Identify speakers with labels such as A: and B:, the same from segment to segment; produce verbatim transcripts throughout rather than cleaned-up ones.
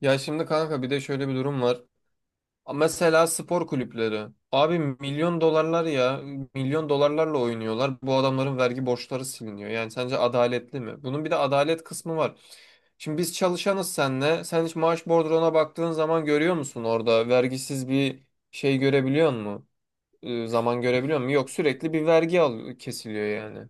A: Ya şimdi kanka bir de şöyle bir durum var. Mesela spor kulüpleri. Abi milyon dolarlar ya. Milyon dolarlarla oynuyorlar. Bu adamların vergi borçları siliniyor. Yani sence adaletli mi? Bunun bir de adalet kısmı var. Şimdi biz çalışanız senle. Sen hiç maaş bordrona baktığın zaman görüyor musun orada? Vergisiz bir şey görebiliyor musun? Ee, zaman görebiliyor musun? Yok sürekli bir vergi al kesiliyor yani.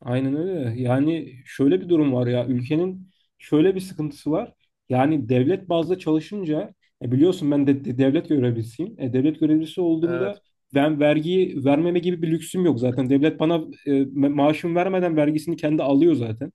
B: Aynen öyle. Yani şöyle bir durum var ya ülkenin şöyle bir sıkıntısı var. Yani devlet bazda çalışınca e biliyorsun ben de, de- devlet görevlisiyim. E, devlet görevlisi olduğumda
A: Evet.
B: ben vergiyi vermeme gibi bir lüksüm yok zaten. Devlet bana e, ma- maaşımı vermeden vergisini kendi alıyor zaten.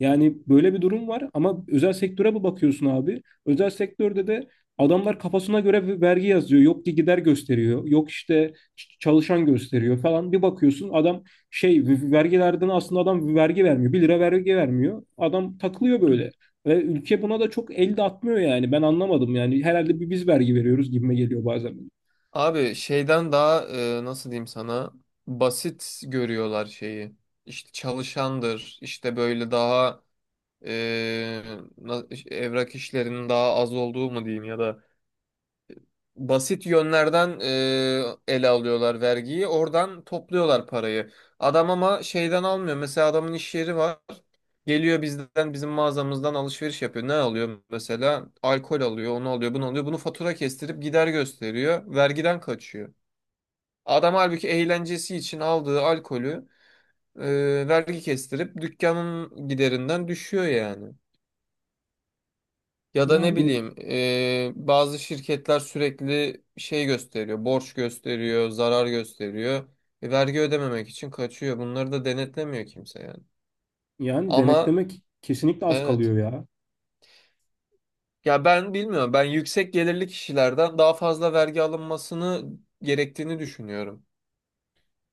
B: Yani böyle bir durum var ama özel sektöre bir bakıyorsun abi. Özel sektörde de adamlar kafasına göre bir vergi yazıyor. Yok ki gider gösteriyor. Yok işte ç- çalışan gösteriyor falan. Bir bakıyorsun adam şey vergilerden aslında adam vergi vermiyor. bir lira vergi vermiyor. Adam takılıyor böyle. Ve ülke buna da çok el de atmıyor yani. Ben anlamadım yani. Herhalde bir biz vergi veriyoruz gibime geliyor bazen.
A: Abi şeyden daha e, nasıl diyeyim sana basit görüyorlar şeyi. İşte çalışandır, işte böyle daha e, na- evrak işlerinin daha az olduğu mu diyeyim ya da basit yönlerden e, ele alıyorlar vergiyi. Oradan topluyorlar parayı. Adam ama şeyden almıyor. Mesela adamın iş yeri var. Geliyor bizden bizim mağazamızdan alışveriş yapıyor. Ne alıyor mesela? Alkol alıyor, onu alıyor, bunu alıyor. Bunu fatura kestirip gider gösteriyor. Vergiden kaçıyor. Adam halbuki eğlencesi için aldığı alkolü e, vergi kestirip dükkanın giderinden düşüyor yani. Ya da ne
B: Yani
A: bileyim e, bazı şirketler sürekli şey gösteriyor, borç gösteriyor, zarar gösteriyor. E, vergi ödememek için kaçıyor. Bunları da denetlemiyor kimse yani.
B: yani
A: Ama
B: denetlemek kesinlikle az
A: evet.
B: kalıyor ya.
A: Ya ben bilmiyorum. Ben yüksek gelirli kişilerden daha fazla vergi alınmasını gerektiğini düşünüyorum.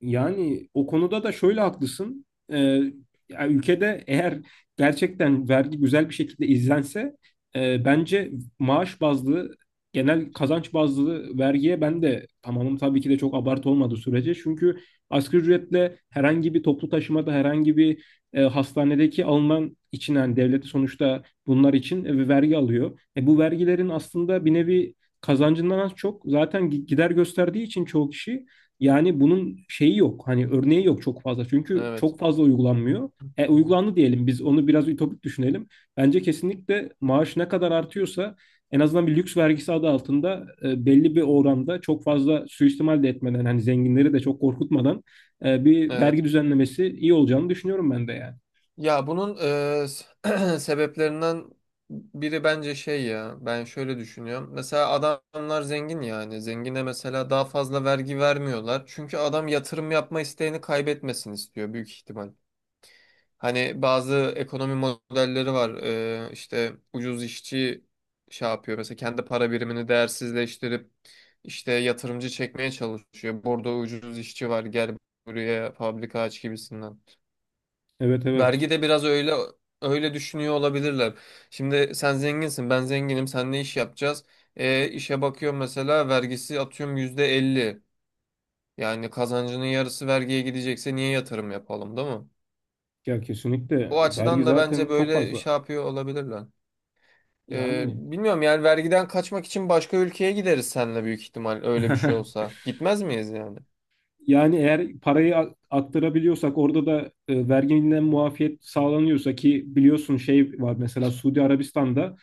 B: Yani o konuda da şöyle haklısın. Ee, Ya ülkede eğer gerçekten vergi güzel bir şekilde izlense e, bence maaş bazlı, genel kazanç bazlı vergiye ben de tamamım tabii ki de çok abartı olmadığı sürece. Çünkü asgari ücretle herhangi bir toplu taşımada, herhangi bir e, hastanedeki alınan için yani devleti sonuçta bunlar için e, vergi alıyor. E, bu vergilerin aslında bir nevi kazancından az çok zaten gi- gider gösterdiği için çoğu kişi yani bunun şeyi yok. Hani örneği yok çok fazla. Çünkü
A: Evet.
B: çok fazla uygulanmıyor. E, uygulandı diyelim biz onu biraz ütopik düşünelim. Bence kesinlikle maaş ne kadar artıyorsa en azından bir lüks vergisi adı altında e, belli bir oranda çok fazla suistimal de etmeden hani zenginleri de çok korkutmadan e, bir vergi
A: Evet.
B: düzenlemesi iyi olacağını düşünüyorum ben de yani.
A: Ya bunun e, s- sebeplerinden biri bence şey ya. Ben şöyle düşünüyorum. Mesela adamlar zengin yani. Zengine mesela daha fazla vergi vermiyorlar. Çünkü adam yatırım yapma isteğini kaybetmesin istiyor büyük ihtimal. Hani bazı ekonomi modelleri var. Ee, işte ucuz işçi şey yapıyor. Mesela kendi para birimini değersizleştirip işte yatırımcı çekmeye çalışıyor. Burada ucuz işçi var gel buraya fabrika aç gibisinden.
B: Evet, evet.
A: Vergi de biraz öyle öyle düşünüyor olabilirler. Şimdi sen zenginsin, ben zenginim, sen ne iş yapacağız? E, işe bakıyorum mesela vergisi atıyorum yüzde elli. Yani kazancının yarısı vergiye gidecekse niye yatırım yapalım, değil mi?
B: Ya kesinlikle
A: O
B: vergi
A: açıdan da bence
B: zaten çok
A: böyle
B: fazla.
A: şey yapıyor olabilirler. Ee,
B: Yani
A: bilmiyorum yani vergiden kaçmak için başka ülkeye gideriz seninle büyük ihtimal öyle bir şey olsa. Gitmez miyiz yani?
B: yani eğer parayı a- aktarabiliyorsak orada da e, verginden muafiyet sağlanıyorsa ki biliyorsun şey var mesela Suudi Arabistan'da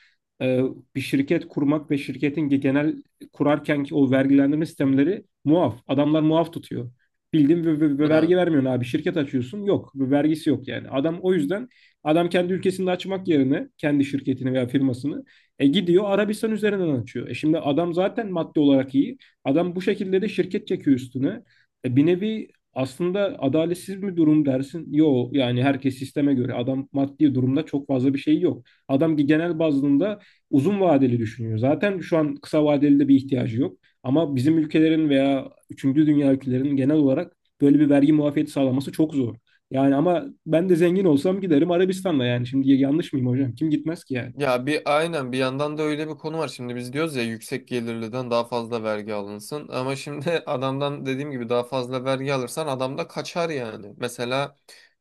B: e, bir şirket kurmak ve şirketin ge- genel kurarkenki o vergilendirme sistemleri muaf. Adamlar muaf tutuyor. Bildiğin ve, ve- ve
A: He.
B: vergi vermiyorsun abi. Şirket açıyorsun. Yok. Ve vergisi yok yani. Adam o yüzden, adam kendi ülkesinde açmak yerine kendi şirketini veya firmasını e, gidiyor Arabistan üzerinden açıyor. E şimdi adam zaten maddi olarak iyi. Adam bu şekilde de şirket çekiyor üstüne. E, bir nevi aslında adaletsiz bir durum dersin. Yo, yani herkes sisteme göre adam maddi durumda çok fazla bir şey yok. Adam ki genel bazında uzun vadeli düşünüyor. Zaten şu an kısa vadeli de bir ihtiyacı yok. Ama bizim ülkelerin veya üçüncü dünya ülkelerinin genel olarak böyle bir vergi muafiyeti sağlaması çok zor. Yani ama ben de zengin olsam giderim Arabistan'da yani. Şimdi yanlış mıyım hocam? Kim gitmez ki yani?
A: Ya bir aynen bir yandan da öyle bir konu var. Şimdi biz diyoruz ya yüksek gelirliden daha fazla vergi alınsın. Ama şimdi adamdan dediğim gibi daha fazla vergi alırsan adam da kaçar yani. Mesela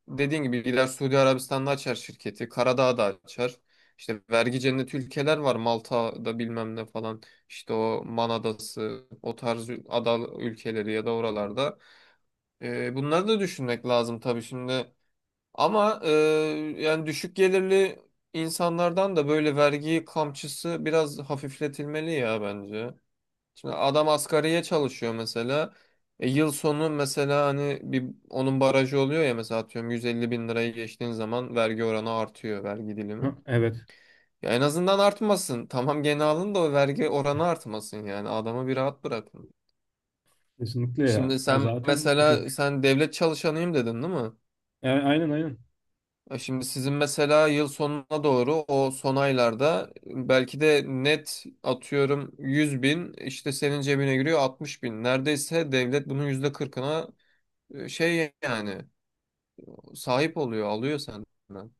A: dediğin gibi gider Suudi Arabistan'da açar şirketi. Karadağ'da açar. İşte vergi cenneti ülkeler var. Malta'da bilmem ne falan. İşte o Man Adası, o tarz ada ülkeleri ya da oralarda. Ee, bunları da düşünmek lazım tabii şimdi. Ama e, yani düşük gelirli insanlardan da böyle vergi kamçısı biraz hafifletilmeli ya bence. Şimdi adam asgariye çalışıyor mesela. E, yıl sonu mesela hani bir onun barajı oluyor ya mesela atıyorum yüz elli bin lirayı geçtiğin zaman vergi oranı artıyor, vergi dilimi.
B: Ha, evet.
A: Ya en azından artmasın. Tamam gene alın da o vergi oranı artmasın yani adamı bir rahat bırakın.
B: Kesinlikle ya.
A: Şimdi
B: Ha,
A: sen
B: zaten
A: mesela,
B: düşük.
A: sen devlet çalışanıyım dedin değil mi?
B: A- Aynen, aynen.
A: E şimdi sizin mesela yıl sonuna doğru o son aylarda belki de net atıyorum yüz bin, işte senin cebine giriyor altmış bin. Neredeyse devlet bunun yüzde kırkına e, şey yani sahip oluyor, alıyor senden.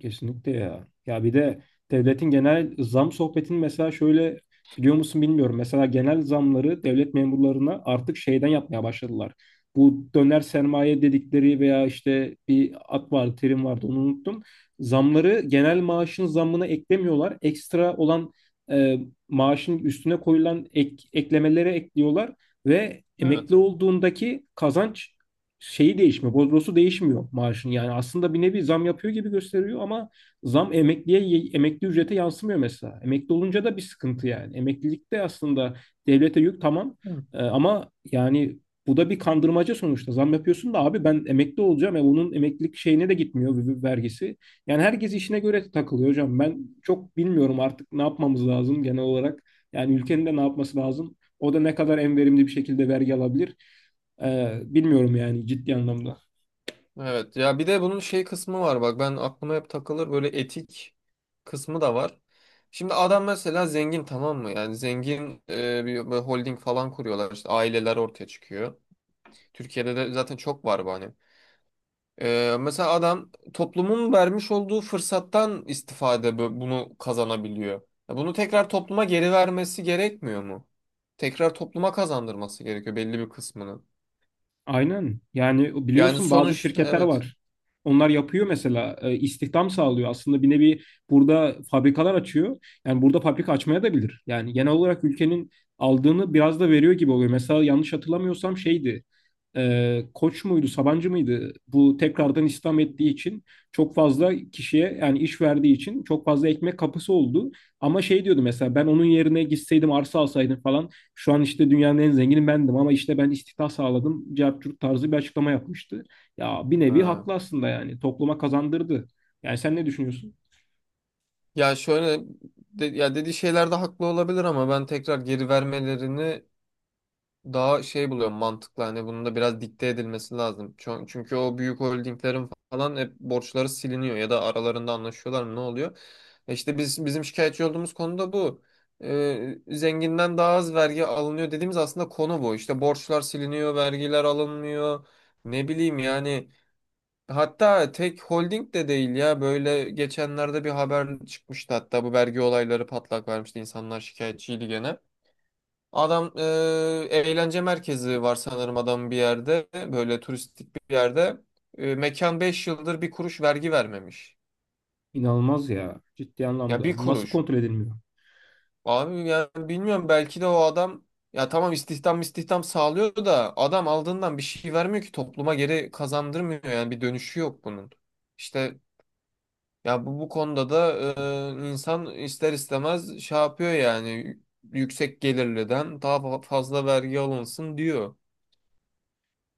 B: Kesinlikle ya. Ya bir de devletin genel zam sohbetini mesela şöyle biliyor musun bilmiyorum. Mesela genel zamları devlet memurlarına artık şeyden yapmaya başladılar. Bu döner sermaye dedikleri veya işte bir ad vardı, terim vardı, onu unuttum. Zamları genel maaşın zammına eklemiyorlar. Ekstra olan e, maaşın üstüne koyulan ek, eklemelere ekliyorlar ve
A: Evet.
B: emekli olduğundaki kazanç şeyi değişmiyor. Bordrosu değişmiyor maaşın. Yani aslında bir nevi zam yapıyor gibi gösteriyor ama zam emekliye, emekli ücrete yansımıyor mesela. Emekli olunca da bir sıkıntı yani. Emeklilikte aslında devlete yük, tamam.
A: Hı.
B: Ee, ama yani bu da bir kandırmaca sonuçta. Zam yapıyorsun da abi ben emekli olacağım. E, bunun emeklilik şeyine de gitmiyor v- v- vergisi. Yani herkes işine göre takılıyor hocam. Ben çok bilmiyorum artık ne yapmamız lazım genel olarak. Yani ülkenin de ne yapması lazım? O da ne kadar en verimli bir şekilde vergi alabilir? Ee, bilmiyorum yani ciddi anlamda.
A: Evet ya bir de bunun şey kısmı var, bak ben aklıma hep takılır böyle, etik kısmı da var. Şimdi adam mesela zengin, tamam mı? Yani zengin e, bir, bir holding falan kuruyorlar işte, aileler ortaya çıkıyor. Türkiye'de de zaten çok var bu hani. Ee, mesela adam toplumun vermiş olduğu fırsattan istifade bu- bunu kazanabiliyor. Ya bunu tekrar topluma geri vermesi gerekmiyor mu? Tekrar topluma kazandırması gerekiyor belli bir kısmını.
B: Aynen. Yani
A: Yani
B: biliyorsun bazı
A: sonuç,
B: şirketler
A: evet.
B: var. Onlar yapıyor mesela e, istihdam sağlıyor. Aslında bir nevi burada fabrikalar açıyor. Yani burada fabrika açmaya da bilir. Yani genel olarak ülkenin aldığını biraz da veriyor gibi oluyor. Mesela yanlış hatırlamıyorsam şeydi. e, Koç muydu, Sabancı mıydı? Bu tekrardan istihdam ettiği için çok fazla kişiye, yani iş verdiği için, çok fazla ekmek kapısı oldu. Ama şey diyordu mesela: ben onun yerine gitseydim, arsa alsaydım falan, şu an işte dünyanın en zengini bendim, ama işte ben istihdam sağladım. Cevap tarzı bir açıklama yapmıştı. Ya bir nevi
A: Ha.
B: haklı aslında, yani topluma kazandırdı. Yani sen ne düşünüyorsun?
A: Ya şöyle de- ya dediği şeylerde haklı olabilir ama ben tekrar geri vermelerini daha şey buluyorum, mantıklı, hani bunun da biraz dikte edilmesi lazım. Ço- Çünkü o büyük holdinglerin falan hep borçları siliniyor ya da aralarında anlaşıyorlar mı, ne oluyor? E İşte biz bizim şikayetçi olduğumuz konu da bu. Ee, zenginden daha az vergi alınıyor dediğimiz aslında konu bu. İşte borçlar siliniyor, vergiler alınmıyor. Ne bileyim yani, hatta tek holding de değil ya, böyle geçenlerde bir haber çıkmıştı hatta, bu vergi olayları patlak vermişti, insanlar şikayetçiydi gene. Adam e, eğlence merkezi var sanırım adamın bir yerde. Böyle turistik bir yerde. E, mekan beş yıldır bir kuruş vergi vermemiş.
B: İnanılmaz ya, ciddi
A: Ya bir
B: anlamda. Nasıl
A: kuruş.
B: kontrol edilmiyor?
A: Abi yani bilmiyorum belki de o adam, ya tamam istihdam istihdam sağlıyor da adam aldığından bir şey vermiyor ki, topluma geri kazandırmıyor yani, bir dönüşü yok bunun. İşte ya bu, bu konuda da e, insan ister istemez şey yapıyor yani, yüksek gelirliden daha fa- fazla vergi alınsın diyor.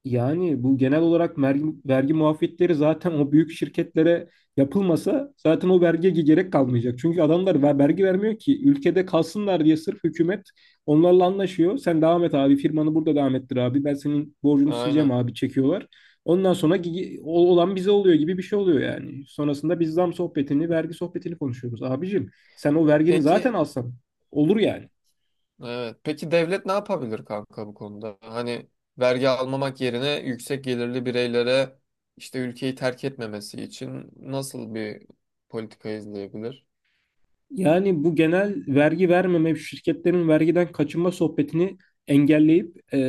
B: Yani bu genel olarak vergi, vergi, muafiyetleri zaten o büyük şirketlere yapılmasa zaten o vergiye gerek kalmayacak. Çünkü adamlar ver- vergi vermiyor ki ülkede kalsınlar diye sırf hükümet onlarla anlaşıyor. Sen devam et abi, firmanı burada devam ettir abi, ben senin borcunu sileceğim
A: Aynen.
B: abi, çekiyorlar. Ondan sonra gi- o- olan bize oluyor gibi bir şey oluyor yani. Sonrasında biz zam sohbetini, vergi sohbetini konuşuyoruz. Abicim, sen o vergini zaten
A: Peki,
B: alsan olur yani.
A: evet. Peki devlet ne yapabilir kanka bu konuda? Hani vergi almamak yerine yüksek gelirli bireylere, işte ülkeyi terk etmemesi için nasıl bir politika izleyebilir?
B: Yani bu genel vergi vermeme, şirketlerin vergiden kaçınma sohbetini engelleyip e,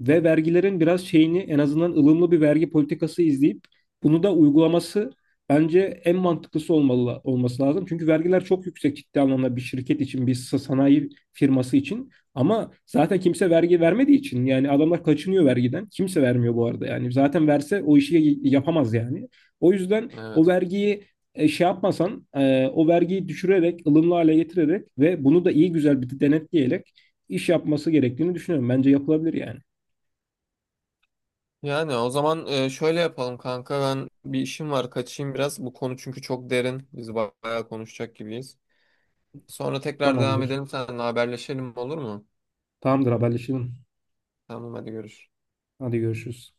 B: ve vergilerin biraz şeyini, en azından ılımlı bir vergi politikası izleyip bunu da uygulaması bence en mantıklısı olmalı, olması lazım. Çünkü vergiler çok yüksek ciddi anlamda, bir şirket için, bir sa- sanayi firması için. Ama zaten kimse vergi vermediği için yani adamlar kaçınıyor vergiden. Kimse vermiyor bu arada yani. Zaten verse o işi yapamaz yani. O yüzden o
A: Evet.
B: vergiyi e, şey yapmasan, e, o vergiyi düşürerek, ılımlı hale getirerek ve bunu da iyi güzel bir denetleyerek iş yapması gerektiğini düşünüyorum. Bence yapılabilir yani.
A: Yani o zaman e, şöyle yapalım kanka, ben bir işim var kaçayım biraz. Bu konu çünkü çok derin. Biz ba- bayağı konuşacak gibiyiz. Sonra tekrar devam
B: Tamamdır.
A: edelim, seninle haberleşelim, olur mu?
B: Tamamdır, haberleşelim.
A: Tamam hadi görüşürüz.
B: Hadi görüşürüz.